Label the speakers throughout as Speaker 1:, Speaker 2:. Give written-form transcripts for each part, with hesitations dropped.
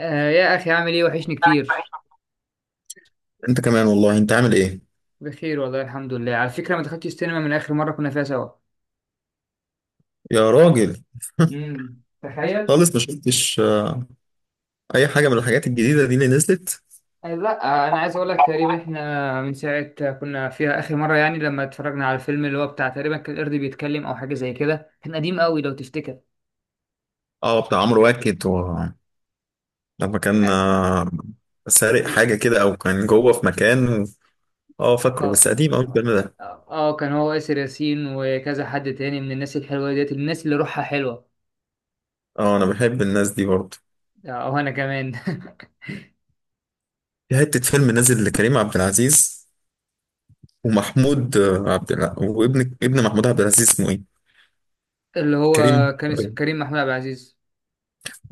Speaker 1: آه، يا اخي، عامل ايه؟ وحشني كتير.
Speaker 2: انت كمان والله انت عامل ايه؟
Speaker 1: بخير والله الحمد لله. على فكره، ما دخلتش السينما من اخر مره كنا فيها سوا.
Speaker 2: يا راجل،
Speaker 1: تخيل.
Speaker 2: خالص ما شفتش اي حاجه من الحاجات الجديده دي اللي نزلت.
Speaker 1: آه، لا، انا عايز اقول لك تقريبا احنا من ساعه كنا فيها اخر مره، يعني لما اتفرجنا على الفيلم اللي هو بتاع، تقريبا كان القرد بيتكلم او حاجه زي كده. كان قديم قوي لو تفتكر.
Speaker 2: اه بتاع عمرو واكد و... لما كان سارق
Speaker 1: اه،
Speaker 2: حاجه كده او كان جوه في مكان و... اه فاكره، بس
Speaker 1: اه،
Speaker 2: قديم قوي الفيلم ده.
Speaker 1: كان هو ياسر ياسين وكذا حد تاني من الناس الحلوه ديت، الناس اللي روحها حلوه.
Speaker 2: اه انا بحب الناس دي برضه.
Speaker 1: آه، وانا كمان.
Speaker 2: في حته فيلم نازل لكريم عبد العزيز ومحمود آه، عبد الع... وابن ابن محمود عبد العزيز، اسمه ايه؟
Speaker 1: اللي هو
Speaker 2: كريم.
Speaker 1: كان اسمه كريم محمود عبد العزيز.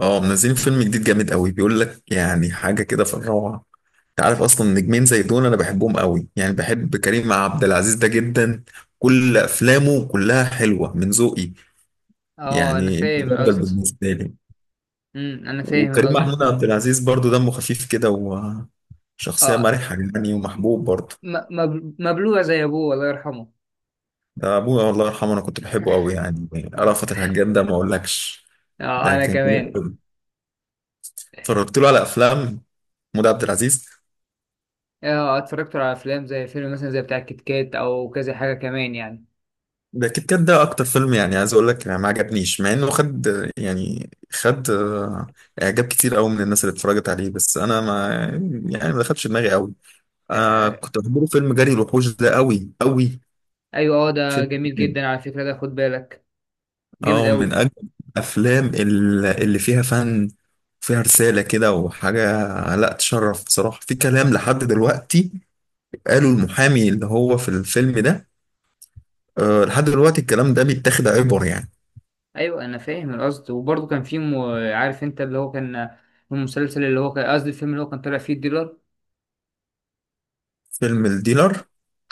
Speaker 2: اه منزلين فيلم جديد جامد قوي، بيقول لك يعني حاجه كده في الروعه. انت عارف اصلا نجمين زي دول انا بحبهم قوي، يعني بحب كريم عبد العزيز ده جدا. كل افلامه كلها حلوه من ذوقي،
Speaker 1: اه، انا
Speaker 2: يعني
Speaker 1: فاهم
Speaker 2: مفضل
Speaker 1: القصد.
Speaker 2: بالنسبه لي.
Speaker 1: انا فاهم
Speaker 2: وكريم
Speaker 1: القصد.
Speaker 2: محمود عبد العزيز برضو دمه خفيف كده، وشخصيه
Speaker 1: اه،
Speaker 2: مرحه يعني، ومحبوب برضو.
Speaker 1: مبلوع زي ابوه الله يرحمه.
Speaker 2: ده ابويا الله يرحمه، انا كنت بحبه قوي يعني.
Speaker 1: اه،
Speaker 2: رأفت الهجان ده ما اقولكش، ده
Speaker 1: انا
Speaker 2: كان جامد
Speaker 1: كمان.
Speaker 2: قوي. اتفرجت له على افلام محمود عبد العزيز.
Speaker 1: اه، اتفرجت على افلام زي فيلم مثلا زي بتاع الكيت كات او كذا حاجه كمان يعني.
Speaker 2: ده كيت كات ده اكتر فيلم، يعني عايز اقول لك ما عجبنيش مع انه خد، يعني خد اعجاب كتير قوي من الناس اللي اتفرجت عليه، بس انا ما، يعني ما دخلش دماغي قوي. آه
Speaker 1: آه
Speaker 2: كنت بحبه فيلم جري الوحوش ده قوي قوي.
Speaker 1: ايوه، اه، ده
Speaker 2: فيلم
Speaker 1: جميل
Speaker 2: جامد.
Speaker 1: جدا. على فكره، ده خد بالك. جامد
Speaker 2: اه من
Speaker 1: قوي.
Speaker 2: اجمل الافلام اللي فيها فن، فيها رسالة كده وحاجة. لا تشرف بصراحة، في كلام لحد دلوقتي قالوا المحامي اللي هو في الفيلم ده، آه لحد دلوقتي الكلام ده بيتاخد عبر يعني.
Speaker 1: ايوه، انا فاهم القصد. وبرضه كان في عارف انت اللي هو كان المسلسل اللي هو كان، قصدي الفيلم اللي هو كان طالع فيه الديلر.
Speaker 2: فيلم الديلر.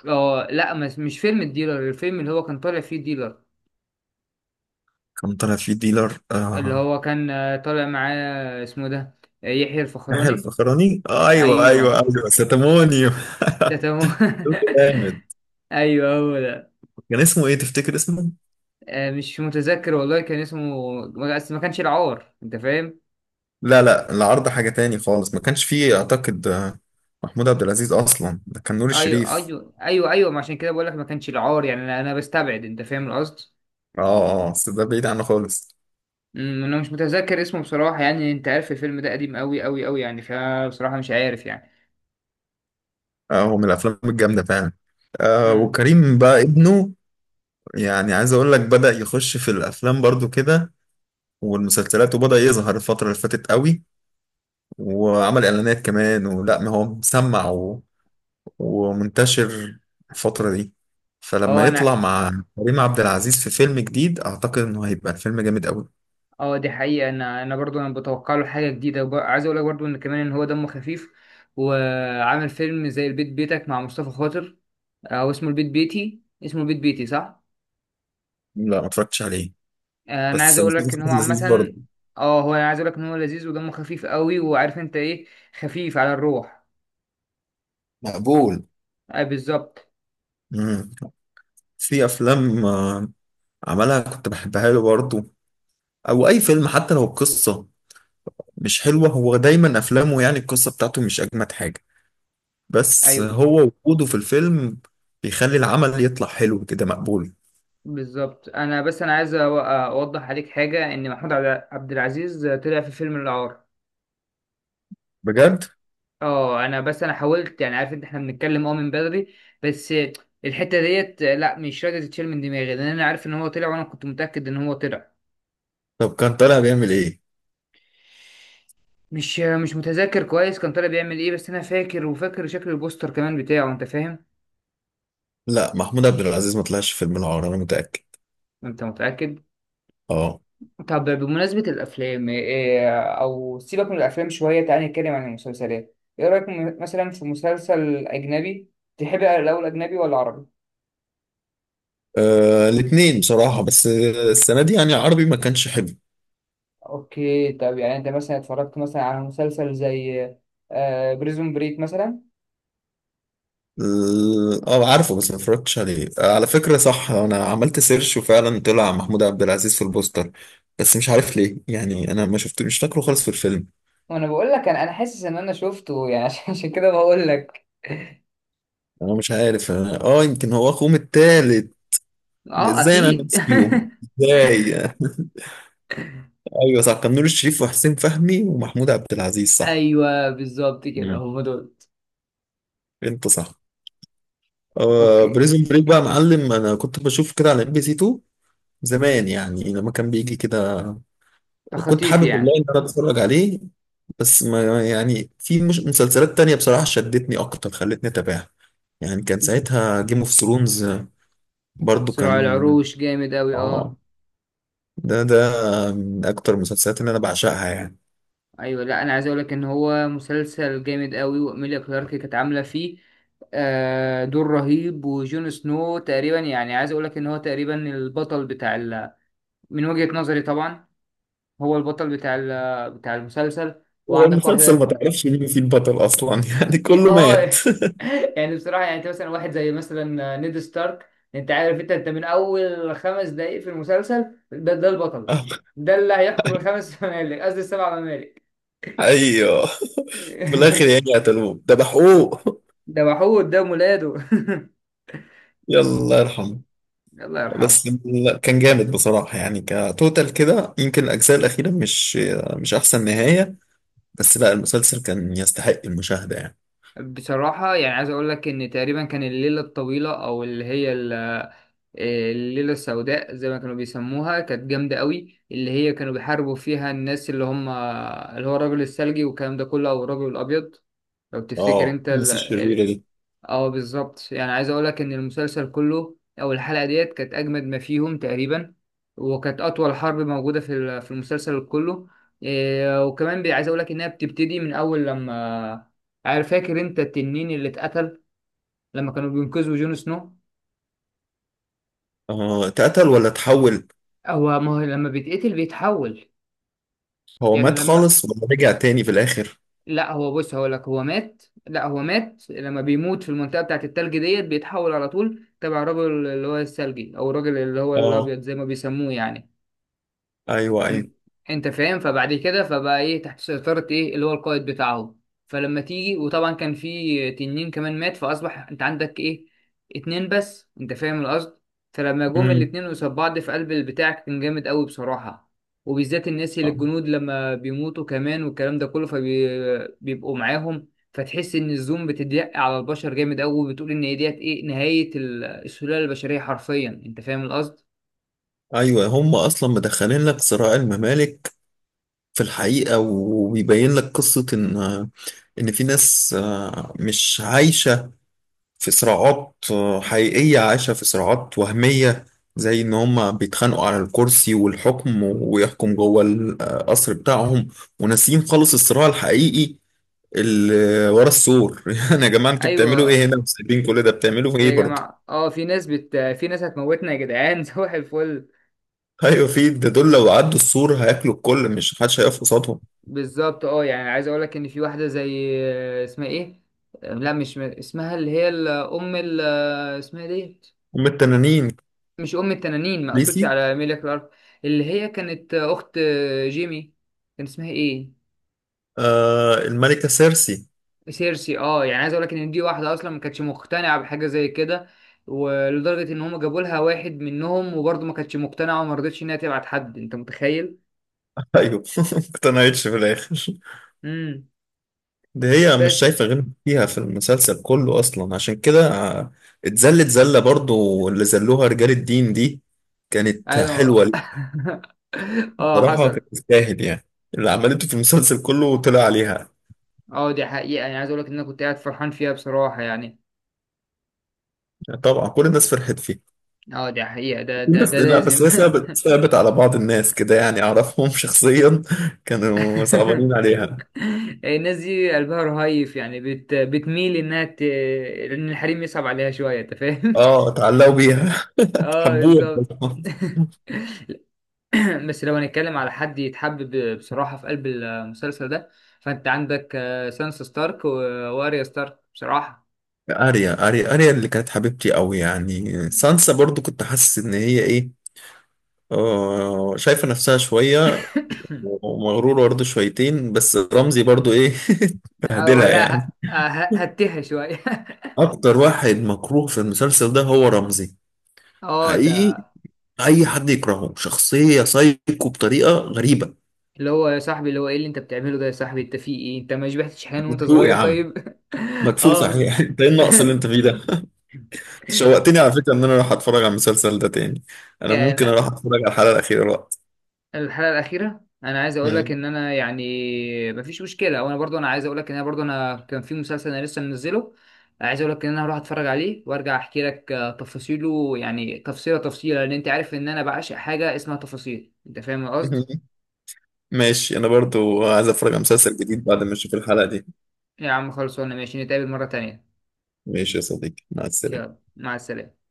Speaker 1: اه، لا، مش فيلم الديلر. الفيلم اللي هو كان طالع فيه الديلر
Speaker 2: كان طالع فيه ديلر
Speaker 1: اللي
Speaker 2: آه.
Speaker 1: هو كان طالع معاه، اسمه ده يحيى
Speaker 2: يحيى
Speaker 1: الفخراني.
Speaker 2: الفخراني، آه ايوه ايوه
Speaker 1: ايوه،
Speaker 2: ايوه، ستامونيو.
Speaker 1: ده تمام.
Speaker 2: جامد.
Speaker 1: ايوه، هو ده.
Speaker 2: كان اسمه ايه تفتكر اسمه؟
Speaker 1: مش متذكر والله. كان اسمه بس ما كانش العار، انت فاهم.
Speaker 2: لا لا، العرض حاجة تاني خالص، ما كانش فيه اعتقد محمود عبد العزيز اصلا، ده كان نور
Speaker 1: ايوه،
Speaker 2: الشريف.
Speaker 1: ايوه، ايوه، ايوه، ما عشان كده بقول لك ما كانش العار. يعني انا بستبعد، انت فاهم القصد.
Speaker 2: بس ده بعيد عنه خالص.
Speaker 1: انا مش متذكر اسمه بصراحه. يعني انت عارف الفيلم ده قديم قوي قوي قوي، يعني فبصراحه مش عارف يعني.
Speaker 2: آه هو من الافلام الجامدة فعلا. آه
Speaker 1: امم
Speaker 2: وكريم بقى ابنه يعني، عايز اقول لك بدأ يخش في الافلام برضو كده، والمسلسلات، وبدأ يظهر الفترة اللي فاتت قوي، وعمل اعلانات كمان، ولا ما هو مسمع ومنتشر الفترة دي. فلما
Speaker 1: اه،
Speaker 2: يطلع
Speaker 1: انا.
Speaker 2: مع كريم عبد العزيز في فيلم جديد، أعتقد إنه هيبقى الفيلم جامد أوي.
Speaker 1: اه، دي حقيقه. انا برضو انا بتوقع له حاجه جديده، عايز اقول لك برضو ان كمان ان هو دمه خفيف، وعامل فيلم زي البيت بيتك مع مصطفى خاطر. هو اسمه البيت بيتي، اسمه البيت بيتي صح.
Speaker 2: لا ما اتفرجتش عليه.
Speaker 1: انا عايز
Speaker 2: بس
Speaker 1: اقول لك
Speaker 2: مسلسل
Speaker 1: ان هو
Speaker 2: لذيذ برضه.
Speaker 1: عامه. اه، هو انا عايز اقول لك ان هو لذيذ ودمه خفيف قوي، وعارف انت ايه؟ خفيف على الروح.
Speaker 2: مقبول.
Speaker 1: آه، بالظبط.
Speaker 2: مم. في أفلام عملها كنت بحبها له برضه، أو أي فيلم حتى لو القصة مش حلوة. هو دايما أفلامه يعني القصة بتاعته مش أجمد حاجة، بس
Speaker 1: ايوه
Speaker 2: هو وجوده في الفيلم بيخلي العمل يطلع حلو كده، مقبول.
Speaker 1: بالظبط. انا بس انا عايز اوضح عليك حاجه ان محمود عبد العزيز طلع في فيلم العار.
Speaker 2: بجد؟
Speaker 1: اه، انا بس انا حاولت يعني، عارف انت احنا بنتكلم اه من بدري، بس الحته ديت لا، مش راضيه تتشال من دماغي لان انا عارف ان هو طلع وانا كنت متاكد ان هو طلع.
Speaker 2: طب كان طالع بيعمل إيه؟
Speaker 1: مش متذكر كويس كان طالع بيعمل ايه، بس انا فاكر وفاكر شكل البوستر كمان بتاعه، انت فاهم.
Speaker 2: لا محمود عبد العزيز ما طلعش في فيلم العار، انا متاكد.
Speaker 1: انت متأكد؟
Speaker 2: اه.
Speaker 1: طب، بمناسبة الافلام إيه، او سيبك من الافلام شوية، تعالى نتكلم عن المسلسلات. ايه رأيك مثلا في مسلسل اجنبي؟ تحب الاول اجنبي ولا عربي؟
Speaker 2: الاثنين بصراحه، بس السنه دي يعني العربي ما كانش حلو.
Speaker 1: اوكي، طب يعني انت مثلا اتفرجت مثلا على مسلسل زي بريزون بريك مثلا.
Speaker 2: اه عارفه، بس ما اتفرجتش عليه. على فكره صح، انا عملت سيرش وفعلا طلع محمود عبد العزيز في البوستر، بس مش عارف ليه، يعني انا ما شفت، مش فاكره خالص في الفيلم.
Speaker 1: وانا بقول لك، انا حاسس ان انا شفته يعني. عشان كده بقول لك.
Speaker 2: انا مش عارف، اه يمكن هو اخوهم التالت.
Speaker 1: اه،
Speaker 2: ازاي انا
Speaker 1: اكيد.
Speaker 2: نسيهم، ازاي؟ ايوه صح، كان نور الشريف وحسين فهمي ومحمود عبد العزيز، صح.
Speaker 1: ايوه، بالظبط كده
Speaker 2: مم.
Speaker 1: هم دول.
Speaker 2: انت صح. آه
Speaker 1: اوكي.
Speaker 2: بريزون بريك بقى معلم، انا كنت بشوف كده على ام بي سي 2 زمان، يعني لما كان بيجي كده. وكنت
Speaker 1: تخطيف
Speaker 2: حابب والله
Speaker 1: يعني.
Speaker 2: ان انا اتفرج عليه، بس ما، يعني في مش مسلسلات تانية بصراحة شدتني اكتر خلتني اتابعها، يعني كان ساعتها جيم اوف ثرونز برضو
Speaker 1: صراع
Speaker 2: كان.
Speaker 1: العروش جامد قوي،
Speaker 2: اه
Speaker 1: اه.
Speaker 2: ده من اكتر المسلسلات اللي انا بعشقها يعني.
Speaker 1: ايوه، لا، انا عايز اقول لك ان هو مسلسل جامد قوي، واميليا كلارك كانت عامله فيه دور رهيب. وجون سنو تقريبا، يعني عايز اقول لك ان هو تقريبا البطل من وجهة نظري طبعا، هو البطل بتاع المسلسل.
Speaker 2: هو
Speaker 1: وعندك
Speaker 2: المسلسل ما
Speaker 1: واحده.
Speaker 2: تعرفش مين فيه البطل اصلا يعني كله
Speaker 1: اه.
Speaker 2: مات.
Speaker 1: يعني بصراحة، يعني انت مثلا واحد زي مثلا نيد ستارك، انت عارف، انت من اول 5 دقايق في المسلسل ده، ده البطل. ده اللي هيحكم الخمس ممالك، قصدي السبع ممالك.
Speaker 2: ايوه في الاخر يعني قتلوه ذبحوه.
Speaker 1: ده وحود ده مولاده.
Speaker 2: يلا يرحم.
Speaker 1: الله يرحمه.
Speaker 2: بس كان جامد بصراحة يعني كتوتال كده، يمكن الأجزاء الأخيرة مش مش أحسن نهاية، بس لا المسلسل كان يستحق المشاهدة يعني.
Speaker 1: بصراحة، يعني عايز اقول لك ان تقريبا كان الليلة الطويلة، او اللي هي الليلة السوداء زي ما كانوا بيسموها، كانت جامدة قوي. اللي هي كانوا بيحاربوا فيها الناس اللي هم اللي هو الرجل الثلجي والكلام ده كله، او الرجل الابيض لو تفتكر
Speaker 2: اه
Speaker 1: انت ال...
Speaker 2: الناس الشريرة
Speaker 1: ال-.
Speaker 2: دي.
Speaker 1: اه، بالظبط. يعني عايز اقول لك ان المسلسل كله او الحلقه ديت كانت اجمد ما فيهم تقريبا، وكانت اطول حرب موجوده في المسلسل كله. إيه، وكمان عايز اقول لك انها بتبتدي من اول، لما عارف، فاكر انت التنين اللي اتقتل لما كانوا بينقذوا جون سنو.
Speaker 2: اه. اتقتل ولا اتحول؟
Speaker 1: هو ما هو لما بيتقتل بيتحول.
Speaker 2: هو
Speaker 1: يعني
Speaker 2: مات
Speaker 1: لما،
Speaker 2: خالص ولا رجع تاني في الآخر؟
Speaker 1: لا، هو بص هقول لك، هو مات. لا، هو مات لما بيموت في المنطقه بتاعت التلج ديت، بيتحول على طول تبع الراجل اللي هو الثلجي او الراجل اللي هو
Speaker 2: اه
Speaker 1: الابيض زي ما بيسموه يعني.
Speaker 2: أيوه
Speaker 1: م-
Speaker 2: أيوه.
Speaker 1: انت فاهم. فبعد كده فبقى ايه تحت سيطرة ايه اللي هو القائد بتاعه. فلما تيجي، وطبعا كان في تنين كمان مات، فاصبح انت عندك ايه؟ اتنين بس، انت فاهم القصد. فلما جم
Speaker 2: امم.
Speaker 1: الاتنين قصاد بعض في قلب البتاع، كان جامد قوي بصراحة. وبالذات الناس، اللي
Speaker 2: آه.
Speaker 1: الجنود لما بيموتوا كمان والكلام ده كله فبيبقوا معاهم، فتحس ان الزوم بتضيق على البشر جامد قوي، وبتقول ان هي ديت ايه، نهاية السلالة البشرية حرفيا، انت فاهم القصد.
Speaker 2: أيوه، هم أصلا مدخلين لك صراع الممالك في الحقيقة، وبيبين لك قصة إن في ناس مش عايشة في صراعات حقيقية، عايشة في صراعات وهمية، زي إن هما بيتخانقوا على الكرسي والحكم ويحكم جوه القصر بتاعهم، وناسيين خالص الصراع الحقيقي اللي ورا السور. يعني يا جماعة انتوا بتعملوا
Speaker 1: ايوه،
Speaker 2: ايه هنا، وسايبين كل ده بتعملوا في ايه
Speaker 1: يا
Speaker 2: برضه؟
Speaker 1: جماعة اه، في ناس هتموتنا يا جدعان. صباح الفل.
Speaker 2: ايوه، في ده دول لو عدوا السور هياكلوا الكل، مش محدش هيقف قصادهم.
Speaker 1: بالظبط. اه، يعني عايز اقول لك ان في واحدة زي اسمها ايه؟ لا، مش اسمها، اللي هي ام اسمها إيه ديت؟
Speaker 2: هم التنانين.
Speaker 1: مش ام التنانين، ما اقصدش
Speaker 2: ليسي.
Speaker 1: على ميليا كلارك. اللي هي كانت اخت جيمي. كان اسمها ايه؟
Speaker 2: آه الملكة سيرسي.
Speaker 1: سيرسي. اه، يعني عايز اقول لك ان دي واحدة اصلا ما كانتش مقتنعة بحاجة زي كده، ولدرجة ان هم جابوا لها واحد منهم، وبرضه ما كانتش مقتنعة وما رضتش انها تبعت حد، انت متخيل.
Speaker 2: ايوه ما اقتنعتش في الاخر.
Speaker 1: امم
Speaker 2: ده هي مش
Speaker 1: بس،
Speaker 2: شايفة غير فيها في المسلسل كله أصلا، عشان كده اتذلت ذلة برضو اللي ذلوها رجال الدين دي. كانت
Speaker 1: ايوه.
Speaker 2: حلوة ليه.
Speaker 1: اه،
Speaker 2: بصراحة
Speaker 1: حصل.
Speaker 2: كانت تستاهل يعني، اللي عملته في المسلسل كله وطلع عليها.
Speaker 1: اه، دي حقيقة. يعني عايز اقول لك ان انا كنت قاعد فرحان فيها بصراحة يعني.
Speaker 2: طبعا كل الناس فرحت فيه.
Speaker 1: اه، دي حقيقة. ده
Speaker 2: في
Speaker 1: ده
Speaker 2: ناس
Speaker 1: ده
Speaker 2: لا، بس
Speaker 1: لازم.
Speaker 2: هي ثابت ثابت على بعض الناس كده يعني، أعرفهم شخصيا، كانوا صعبانين عليها.
Speaker 1: الناس دي قلبها رهيف، يعني بتميل انها ان الحريم يصعب عليها شوية، انت فاهم.
Speaker 2: اه اتعلقوا بيها.
Speaker 1: اه،
Speaker 2: حبوها.
Speaker 1: بالظبط. بس لو هنتكلم على حد يتحبب بصراحة في قلب المسلسل ده، فانت عندك سانسا ستارك واريا ستارك بصراحة.
Speaker 2: أريا أريا أريا اللي كانت حبيبتي قوي يعني. سانسا برضو كنت حاسس إن هي إيه، شايفة نفسها شوية ومغرورة برضه شويتين، بس رمزي برضه إيه،
Speaker 1: اه،
Speaker 2: بهدلها
Speaker 1: لا،
Speaker 2: يعني.
Speaker 1: هتها شوية.
Speaker 2: أكتر واحد مكروه في المسلسل ده هو رمزي،
Speaker 1: اه، ده
Speaker 2: حقيقي. أي حد يكرهه، شخصية سايكو بطريقة غريبة.
Speaker 1: اللي هو، يا صاحبي، اللي هو ايه اللي انت بتعمله ده، يا صاحبي؟ انت في ايه؟ انت ما شبعتش حنان وانت
Speaker 2: مدفوق يا
Speaker 1: صغير؟
Speaker 2: عم،
Speaker 1: طيب.
Speaker 2: مدفوق
Speaker 1: اه،
Speaker 2: صحيح. أنت إيه النقص اللي أنت فيه ده؟ أنت شوقتني على فكرة إن أنا أروح أتفرج على المسلسل ده تاني. أنا ممكن
Speaker 1: يعني
Speaker 2: أروح أتفرج على الحلقة الأخيرة دلوقتي.
Speaker 1: الحلقة الأخيرة، انا عايز اقول لك
Speaker 2: مم.
Speaker 1: ان انا يعني مفيش مشكلة، وانا برضو انا عايز اقول لك ان انا برضو، انا كان في مسلسل انا لسه منزله. عايز اقول لك ان انا هروح اتفرج عليه وارجع احكي لك تفاصيله، يعني تفصيلة تفصيلة، لان انت عارف ان انا بعشق حاجة اسمها تفاصيل، انت فاهم القصد.
Speaker 2: ماشي، أنا برضه عايز أتفرج على مسلسل جديد بعد ما أشوف الحلقة دي.
Speaker 1: يا عم، خلصانه. ماشي، نتقابل مرة تانية.
Speaker 2: ماشي يا صديقي، مع
Speaker 1: يلا،
Speaker 2: السلامة.
Speaker 1: مع السلامة.